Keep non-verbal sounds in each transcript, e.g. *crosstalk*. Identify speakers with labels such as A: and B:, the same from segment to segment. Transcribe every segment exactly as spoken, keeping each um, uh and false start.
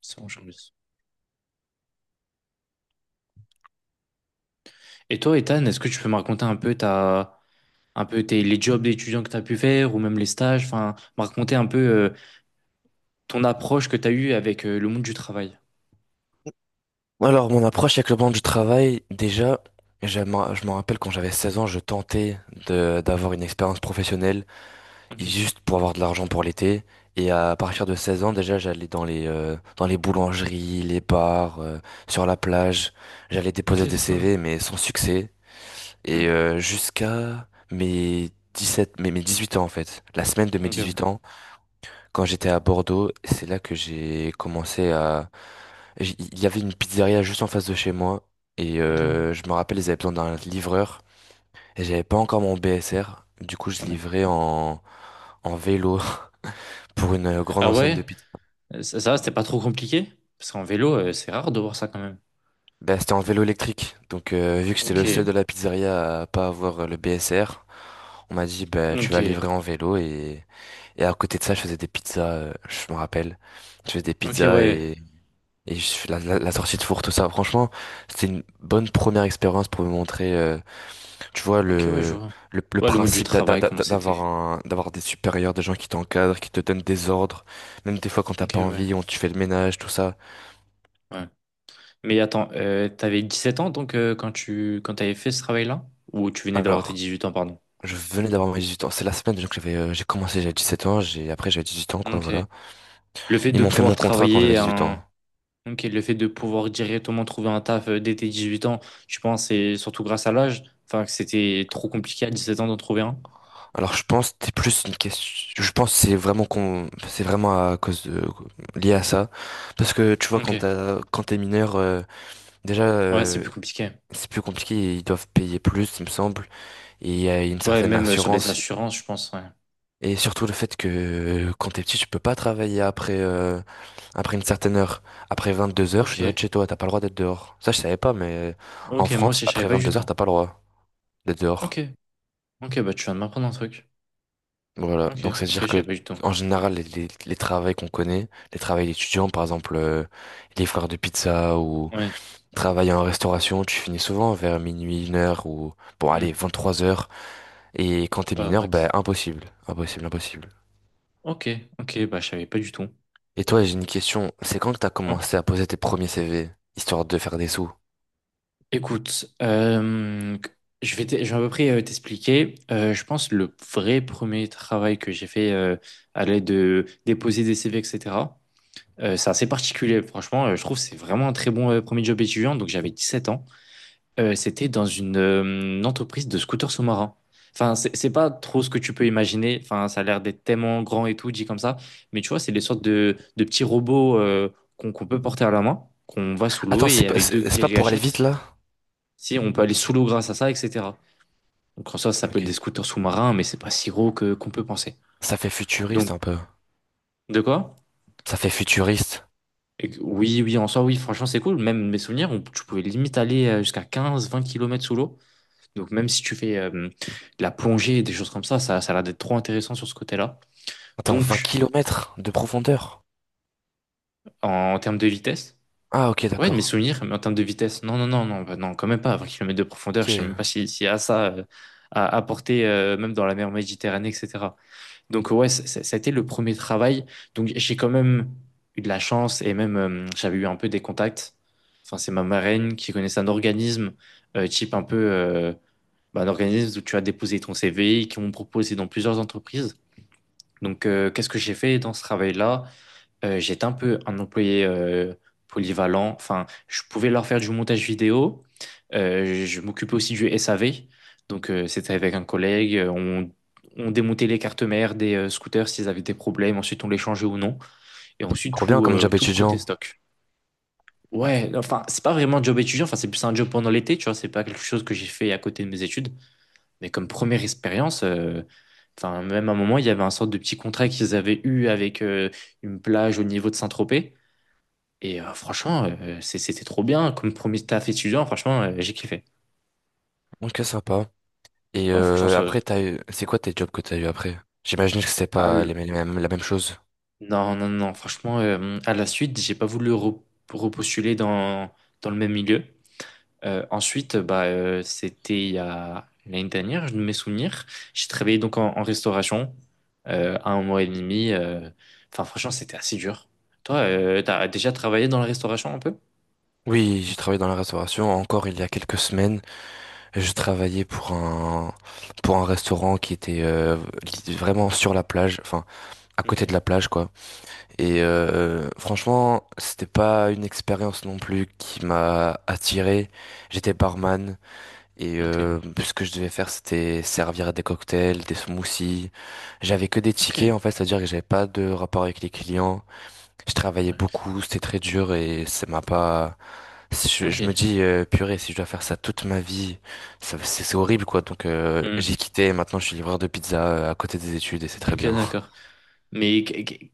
A: Ça mange en plus. Et toi, Ethan, est-ce que tu peux me raconter un peu ta, un peu tes, les jobs d'étudiants que tu as pu faire ou même les stages, enfin, me raconter un peu euh, ton approche que tu as eue avec euh, le monde du travail.
B: Alors, mon approche avec le monde du travail, déjà, je m'en je me rappelle quand j'avais seize ans, je tentais de- d'avoir une expérience professionnelle
A: Ok,
B: juste pour avoir de l'argent pour l'été. Et à
A: ouais.
B: partir de 16 ans, déjà, j'allais dans les, euh, dans les boulangeries, les bars, euh, sur la plage. J'allais
A: Ok,
B: déposer des
A: c'est cool.
B: C V, mais sans succès.
A: Hmm.
B: Et euh, jusqu'à mes dix sept mes, mes dix huit ans, en fait. La semaine de mes
A: Ok,
B: dix
A: ouais.
B: huit ans, quand j'étais à Bordeaux, c'est là que j'ai commencé à... j- Il y avait une pizzeria juste en face de chez moi. Et
A: Ok.
B: euh, je me rappelle, ils avaient besoin d'un livreur. Et j'avais pas encore mon B S R. Du coup, je
A: Ouais.
B: livrais en, en vélo *laughs* pour une euh, grande
A: Ah,
B: enseigne de
A: ouais?
B: pizza.
A: Euh, Ça, ça c'était pas trop compliqué? Parce qu'en vélo, euh, c'est rare de voir ça quand même.
B: Bah, c'était en vélo électrique. Donc, euh, vu que j'étais le seul
A: Ok,
B: de la pizzeria à pas avoir euh, le B S R, on m'a dit, bah, tu
A: ok,
B: vas livrer en vélo. Et, et à côté de ça, je faisais des pizzas, euh, je me rappelle. Je faisais des
A: ok,
B: pizzas
A: ouais.
B: et, et je fais la, la, la sortie de four, tout ça. Franchement, c'était une bonne première expérience pour me montrer, euh, tu vois,
A: Ok, ouais, je
B: le,
A: vois.
B: le, le
A: Ouais, le monde du
B: principe d'a- d'a-
A: travail,
B: d'a-
A: comment
B: d'avoir
A: c'était?
B: un, d'avoir des supérieurs, des gens qui t'encadrent, qui te donnent des ordres. Même des fois quand t'as
A: Ok,
B: pas
A: ouais.
B: envie, on, tu fais le ménage, tout ça.
A: Ouais. Mais attends, euh, t'avais sept ans donc euh, quand tu quand t'avais fait ce travail-là? Ou tu venais d'avoir tes
B: Alors,
A: dix-huit ans, pardon.
B: je venais d'avoir mes dix-huit ans. C'est la semaine, donc j'avais euh, j'ai commencé j'avais dix-sept ans, j'ai après j'avais dix-huit ans quoi,
A: Ok.
B: voilà.
A: Le fait
B: Ils
A: de
B: m'ont fait
A: pouvoir
B: mon contrat quand j'avais
A: travailler
B: dix-huit ans.
A: un. Ok, le fait de pouvoir directement trouver un taf euh, dès tes dix-huit ans, je pense c'est surtout grâce à l'âge. Enfin, que c'était trop compliqué à dix-sept ans d'en trouver un.
B: Alors, je pense que c'est plus une question, je pense que c'est vraiment con... c'est vraiment à cause de, lié à ça, parce que tu vois quand
A: Ok.
B: t'as quand t'es mineur, euh, déjà
A: Ouais, c'est
B: euh,
A: plus compliqué.
B: c'est plus compliqué, ils doivent payer plus il me semble, et il y a une
A: Ouais,
B: certaine
A: même euh, sur les
B: assurance.
A: assurances, je pense, ouais.
B: Et surtout le fait que euh, quand t'es petit, tu peux pas travailler après, euh, après une certaine heure. Après vingt-deux heures, tu dois
A: Ok.
B: être chez toi, t'as pas le droit d'être dehors. Ça, je savais pas, mais en
A: Ok, moi
B: France,
A: aussi, je savais
B: après
A: pas du
B: vingt-deux
A: tout.
B: heures, t'as pas le droit d'être
A: Ok.
B: dehors.
A: Ok, bah tu viens de m'apprendre un truc.
B: Voilà,
A: Ok,
B: donc
A: ok, je
B: c'est-à-dire que
A: savais pas du tout.
B: en général, les, les, les travails qu'on connaît, les travails d'étudiants, par exemple euh, les frères de pizza ou
A: Ouais.
B: travailler en restauration, tu finis souvent vers minuit, une heure ou bon
A: Hmm.
B: allez, vingt-trois heures. Et quand t'es
A: Ouais,
B: mineur, ben
A: Max.
B: impossible, impossible, impossible.
A: Ok, ok, bah je savais pas du tout.
B: Et toi, j'ai une question. C'est quand que t'as
A: Ouais.
B: commencé à poser tes premiers C V, histoire de faire des sous?
A: Écoute, euh, je vais, te- je vais à peu près euh, t'expliquer. Euh, je pense le vrai premier travail que j'ai fait euh, à l'aide de déposer des C V, et cetera euh, c'est assez particulier, franchement. euh, je trouve que c'est vraiment un très bon euh, premier job étudiant. Donc j'avais dix sept ans. Euh, c'était dans une, euh, une entreprise de scooters sous-marins. Enfin, c'est c'est pas trop ce que tu peux imaginer. Enfin, ça a l'air d'être tellement grand et tout, dit comme ça. Mais tu vois, c'est des sortes de, de petits robots euh, qu'on qu'on peut porter à la main, qu'on va sous l'eau
B: Attends, c'est
A: et
B: pas,
A: avec deux
B: c'est c'est pas pour aller vite
A: gâchettes.
B: là?
A: Si, on peut aller sous l'eau grâce à ça, et cetera. Donc en soi, ça peut être
B: Ok.
A: des scooters sous-marins, mais c'est pas si gros que qu'on peut penser.
B: Ça fait futuriste
A: Donc,
B: un peu.
A: de quoi?
B: Ça fait futuriste.
A: Et que- oui, oui, en soi, oui, franchement, c'est cool. Même mes souvenirs, on- tu pouvais limite aller euh, jusqu'à quinze, vingt kilomètres sous l'eau. Donc même si tu fais euh, de la plongée et des choses comme ça, ça, ça a l'air d'être trop intéressant sur ce côté-là.
B: Attends, vingt
A: Donc,
B: kilomètres de profondeur.
A: en, termes de vitesse,
B: Ah, ok,
A: ouais, de mes
B: d'accord.
A: souvenirs, mais en termes de vitesse, non, non, non, non, bah non, quand même pas, vingt kilomètres de profondeur, je sais même pas
B: Ok.
A: si- s'il y a ça euh, à apporter, euh, même dans la mer Méditerranée, et cetera. Donc ouais, ça, ça- ça a été le premier travail. Donc j'ai quand même eu de la chance et même euh, j'avais eu un peu des contacts. Enfin, c'est ma marraine qui connaissait un organisme euh, type un peu euh, bah, un organisme où tu as déposé ton C V, qui m'ont proposé dans plusieurs entreprises. Donc euh, qu'est-ce que j'ai fait dans ce travail-là? Euh, j'étais un peu un employé euh, polyvalent. Enfin, je pouvais leur faire du montage vidéo. Euh, je m'occupais aussi du S A V. Donc, euh, c'était avec un collègue. Euh, On, on démontait les cartes mères des euh, scooters s'ils avaient des problèmes. Ensuite, on les changeait ou non. Et ensuite,
B: Trop bien
A: tout,
B: comme
A: euh,
B: job
A: tout le côté
B: étudiant.
A: stock. Ouais, enfin, c'est pas vraiment un job étudiant. Enfin, c'est plus un job pendant l'été, tu vois. C'est pas quelque chose que j'ai fait à côté de mes études. Mais comme première expérience, euh, enfin, même à un moment, il y avait un sorte de petit contrat qu'ils avaient eu avec euh, une plage au niveau de Saint-Tropez. Et euh, franchement, euh, c'est- c'était trop bien. Comme premier taf étudiant, franchement, euh, j'ai kiffé.
B: Ok, sympa. Et
A: Ouais, franchement,
B: euh,
A: ça-
B: après, t'as eu... c'est quoi tes jobs que t'as eu après? J'imagine que c'était
A: à
B: pas
A: l-
B: les mêmes, la même chose.
A: non, non, non. Franchement, euh, à la suite, j'ai pas voulu re- repostuler dans, dans le même milieu. Euh, ensuite, bah, euh, c'était il y a l'année dernière, je ne mes souvenirs. J'ai travaillé donc en, en restauration euh, un mois et demi. euh. Enfin, franchement, c'était assez dur. Toi, euh, t'as déjà travaillé dans la restauration un peu?
B: Oui, j'ai travaillé dans la restauration encore il y a quelques semaines. Je travaillais pour un pour un restaurant qui était euh, li- vraiment sur la plage, enfin à côté de
A: Ok,
B: la plage quoi. Et euh, franchement, c'était pas une expérience non plus qui m'a attiré. J'étais barman et
A: ok,
B: euh, ce que je devais faire c'était servir des cocktails, des smoothies. J'avais que des
A: ok,
B: tickets en fait, c'est-à-dire que j'avais pas de rapport avec les clients. Je travaillais
A: ouais.
B: beaucoup, c'était très dur et ça m'a pas... je,
A: Ok,
B: je me dis, euh, purée, si je dois faire ça toute ma vie, ça- c'est c'est horrible quoi. Donc euh,
A: hmm,
B: j'ai quitté et maintenant je suis livreur de pizza, euh, à côté des études, et c'est très
A: ok,
B: bien.
A: d'accord. Mais qu- qu-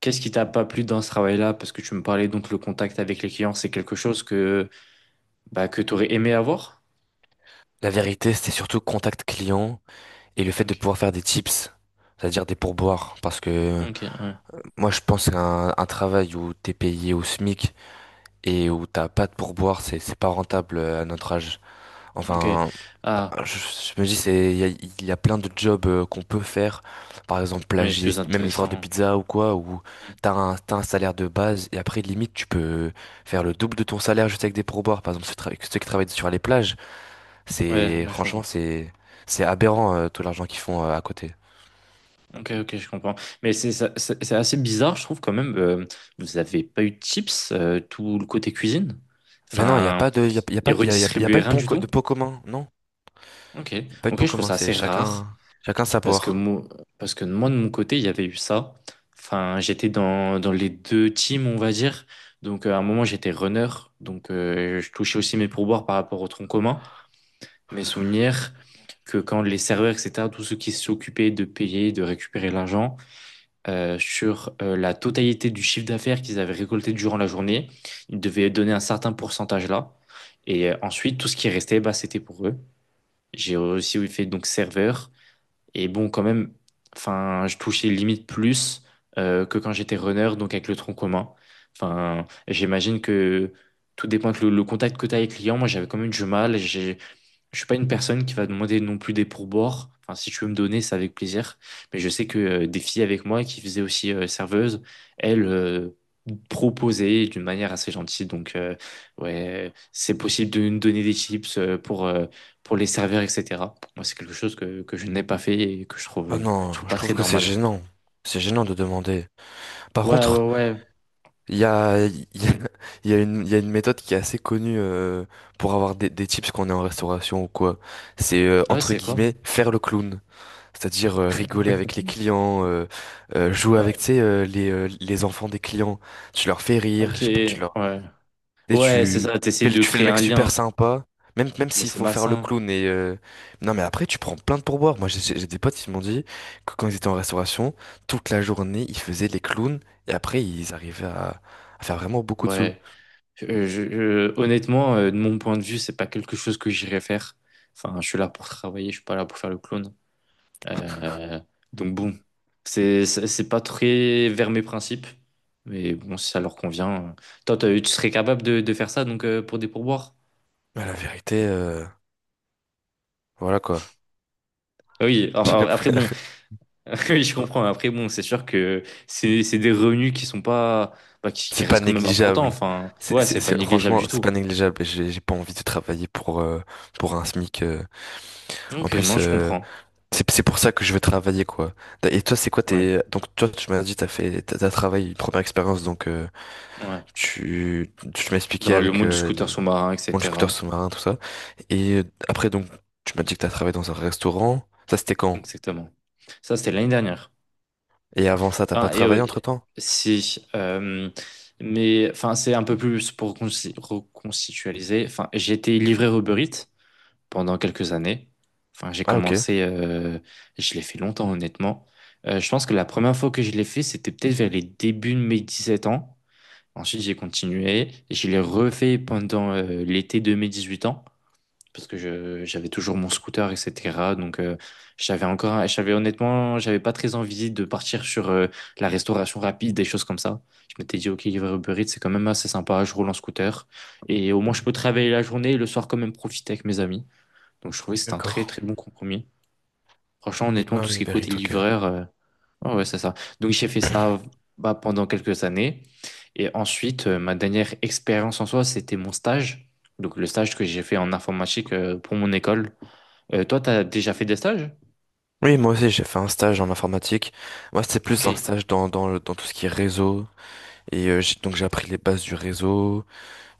A: qu'est-ce qui t'a pas plu dans ce travail-là? Parce que tu me parlais donc le contact avec les clients, c'est quelque chose que bah, que tu aurais aimé avoir?
B: *laughs* La vérité, c'était surtout contact client et le fait de
A: Ok,
B: pouvoir faire des tips, c'est-à-dire des pourboires. Parce que
A: ok, ouais,
B: moi je pense qu'un un travail où t'es payé au SMIC et où t'as pas de pourboire, c'est c'est pas rentable, euh, à notre âge.
A: ok.
B: Enfin,
A: Ah,
B: ah, Je, je me dis, c'est, il y a, il y a plein de jobs, euh, qu'on peut faire, par exemple
A: oui, plus
B: plagiste, même livreur de
A: intéressant.
B: pizza ou quoi, où
A: Hmm.
B: t'as un, t'as un salaire de base, et après limite tu peux faire le double de ton salaire juste avec des pourboires. Par exemple, ceux, tra- ceux qui travaillent sur les plages,
A: Ouais,
B: c'est
A: bah, je
B: franchement,
A: comprends.
B: c'est c'est aberrant, euh, tout l'argent qu'ils font, euh, à côté.
A: Ok, ok, je comprends. Mais c'est ça- c'est c'est assez bizarre, je trouve quand même. euh, vous avez pas eu de chips, euh, tout le côté cuisine?
B: Mais non, il y a
A: Enfin,
B: pas de, il y a, il y a
A: et
B: pas, de- il y a, il y a- il y a pas
A: redistribuer
B: eu de
A: rien
B: pont
A: du
B: co- de
A: tout?
B: pot commun, non?
A: Ok,
B: Il y a pas eu de
A: ok,
B: pot
A: je trouve
B: commun,
A: ça
B: c'est
A: assez rare.
B: chacun chacun sa
A: Parce que
B: poire.
A: moi, parce que moi, de mon côté, il y avait eu ça. Enfin, j'étais dans, dans les deux teams, on va dire. Donc, euh, à un moment, j'étais runner. Donc, euh, je touchais aussi mes pourboires par rapport au tronc commun. Mes souvenirs que quand les serveurs, et cetera, tous ceux qui s'occupaient de payer, de récupérer l'argent, euh, sur euh, la totalité du chiffre d'affaires qu'ils avaient récolté durant la journée, ils devaient donner un certain pourcentage là. Et euh, ensuite, tout ce qui restait, bah, c'était pour eux. J'ai aussi fait donc serveur. Et bon, quand même, enfin, je touchais limite plus euh, que quand j'étais runner, donc avec le tronc commun. Enfin, j'imagine que tout dépend que le, le contact que tu as avec le client. Moi, j'avais quand même du mal. J'ai- je suis pas une personne qui va demander non plus des pourboires. Enfin, si tu veux me donner, c'est avec plaisir. Mais je sais que euh, des filles avec moi qui faisaient aussi euh, serveuse, elles euh, proposaient d'une manière assez gentille. Donc, euh, ouais, c'est possible de nous donner des chips euh, pour, euh, pour les serveurs, et cetera. Moi, c'est quelque chose que, que je n'ai pas fait et que je trouve,
B: Ah
A: euh, je
B: non,
A: trouve
B: je
A: pas très
B: trouve que c'est
A: normal.
B: gênant, c'est gênant de demander. Par
A: Ouais,
B: contre.
A: ouais, ouais.
B: Il y a, il y a, *laughs* il y a une, il y a une méthode qui est assez connue, euh, pour avoir des, des tips quand on est en restauration ou quoi. C'est, euh,
A: Ah, ouais,
B: entre
A: c'est quoi?
B: guillemets, faire le clown, c'est-à-dire euh, rigoler avec les clients, euh, euh, jouer avec,
A: Ouais.
B: tu sais, euh, les, euh, les enfants des clients. Tu leur fais rire,
A: Ok,
B: je sais pas, tu leur
A: ouais.
B: et
A: Ouais, c'est
B: tu
A: ça, t'essayes
B: fais le,
A: de
B: tu fais le
A: créer
B: mec
A: un
B: super
A: lien,
B: sympa, même, même
A: mais
B: s'il
A: c'est
B: faut faire le
A: malsain.
B: clown. Et euh, Non, mais après, tu prends plein de pourboires. Moi, j'ai j'ai- j'ai des potes qui m'ont dit que quand ils étaient en restauration, toute la journée, ils faisaient les clowns, et après, ils arrivaient à, à faire vraiment beaucoup de sous.
A: Ouais. Euh, je- je- honnêtement, euh, de mon point de vue, c'est pas quelque chose que j'irais faire. Enfin, je suis là pour travailler, je suis pas là pour faire le clown. Euh, donc bon, c'est c'est c'est pas très vers mes principes, mais bon, si ça leur convient. euh. Toi, t'as- tu serais capable de, de faire ça donc euh, pour des pourboires?
B: Mais la vérité, euh, voilà quoi.
A: Ah, oui.
B: *laughs*
A: alors-
B: J'ai
A: alors, après bon,
B: l'impression...
A: *laughs* oui, je comprends. Après bon, c'est sûr que c'est c'est des revenus qui sont pas, bah, qui, qui
B: C'est pas
A: restent quand même importants.
B: négligeable.
A: Enfin,
B: C'est,
A: ouais,
B: c'est,
A: c'est pas
B: c'est-
A: négligeable
B: franchement,
A: du
B: c'est
A: tout.
B: pas négligeable. J'ai j'ai pas envie de travailler pour, euh, pour un SMIC. euh. En
A: Donc euh, non,
B: plus.
A: je
B: euh,
A: comprends.
B: C'est c'est pour ça que je veux travailler, quoi. Et toi, c'est quoi
A: Ouais,
B: tes... Donc, toi, tu m'as dit, t'as fait... T'as t'as travaillé une première expérience, donc... euh,
A: ouais.
B: tu... Tu m'as expliqué
A: Dans le
B: avec
A: monde du
B: euh,
A: scooter
B: les...
A: sous-marin,
B: Bon, le scooter
A: et cetera.
B: sous-marin, tout ça. Et euh, après, donc, tu m'as dit que t'as travaillé dans un restaurant. Ça, c'était quand?
A: Exactement. Ça, c'était l'année dernière.
B: Et avant ça, t'as pas
A: Enfin, et
B: travaillé
A: oui,
B: entre-temps?
A: si. euh, mais enfin, c'est un peu plus pour reconsi- reconstitualiser. Enfin, j'ai été livreur Uber Eats pendant quelques années. Enfin, j'ai
B: Ah, ok.
A: commencé. euh, je l'ai fait longtemps, honnêtement. Euh, je pense que la première fois que je l'ai fait, c'était peut-être vers les débuts de mes dix sept ans. Ensuite, j'ai continué. Et je l'ai refait pendant euh, l'été de mes dix huit ans parce que je, j'avais toujours mon scooter, et cetera. Donc, euh, j'avais encore, un- j'avais honnêtement, j'avais pas très envie de partir sur euh, la restauration rapide, des choses comme ça. Je m'étais dit, ok, livrer Uber Eats, c'est quand même assez sympa, je roule en scooter. Et au moins, je peux travailler la journée et le soir quand même profiter avec mes amis. Donc, je trouvais que c'était un très,
B: D'accord.
A: très bon compromis. Franchement, honnêtement,
B: Libre,
A: tout ce
B: oui,
A: qui est
B: Uber
A: côté
B: Eats, ok.
A: livreur, euh, ouais, ouais, c'est ça. Donc, j'ai fait
B: *clears throat*
A: ça bah, pendant quelques années. Et ensuite, euh, ma dernière expérience en soi, c'était mon stage. Donc, le stage que j'ai fait en informatique euh, pour mon école. Euh, toi, t'as déjà fait des stages?
B: Oui, moi aussi, j'ai fait un stage en informatique. Moi, c'était
A: Ok,
B: plus un stage dans, dans, le- dans tout ce qui est réseau. Et euh, j'ai- donc, j'ai appris les bases du réseau.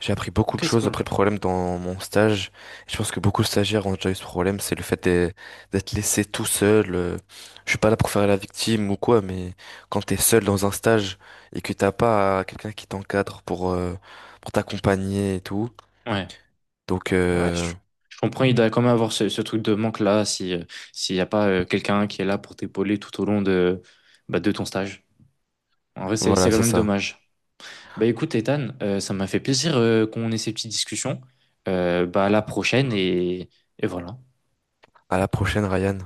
B: J'ai appris beaucoup
A: ok,
B: de
A: c'est
B: choses
A: cool.
B: après le problème dans mon stage. Je pense que beaucoup de stagiaires ont déjà eu ce problème, c'est le fait d'être d'être laissé tout seul. euh, Je suis pas là pour faire la victime ou quoi, mais quand t'es seul dans un stage et que t'as pas quelqu'un qui t'encadre pour euh, pour t'accompagner et tout.
A: Ouais,
B: Donc
A: ouais, je,
B: euh,
A: je comprends, il doit quand même avoir ce, ce truc de manque-là si, euh, s'il n'y a pas euh, quelqu'un qui est là pour t'épauler tout au long de, bah, de ton stage. En vrai, c'est,
B: voilà,
A: c'est quand
B: c'est
A: même
B: ça.
A: dommage. Bah écoute, Ethan, euh, ça m'a fait plaisir euh, qu'on ait ces petites discussions. Euh, bah à la prochaine et, et voilà.
B: À la prochaine, Ryan.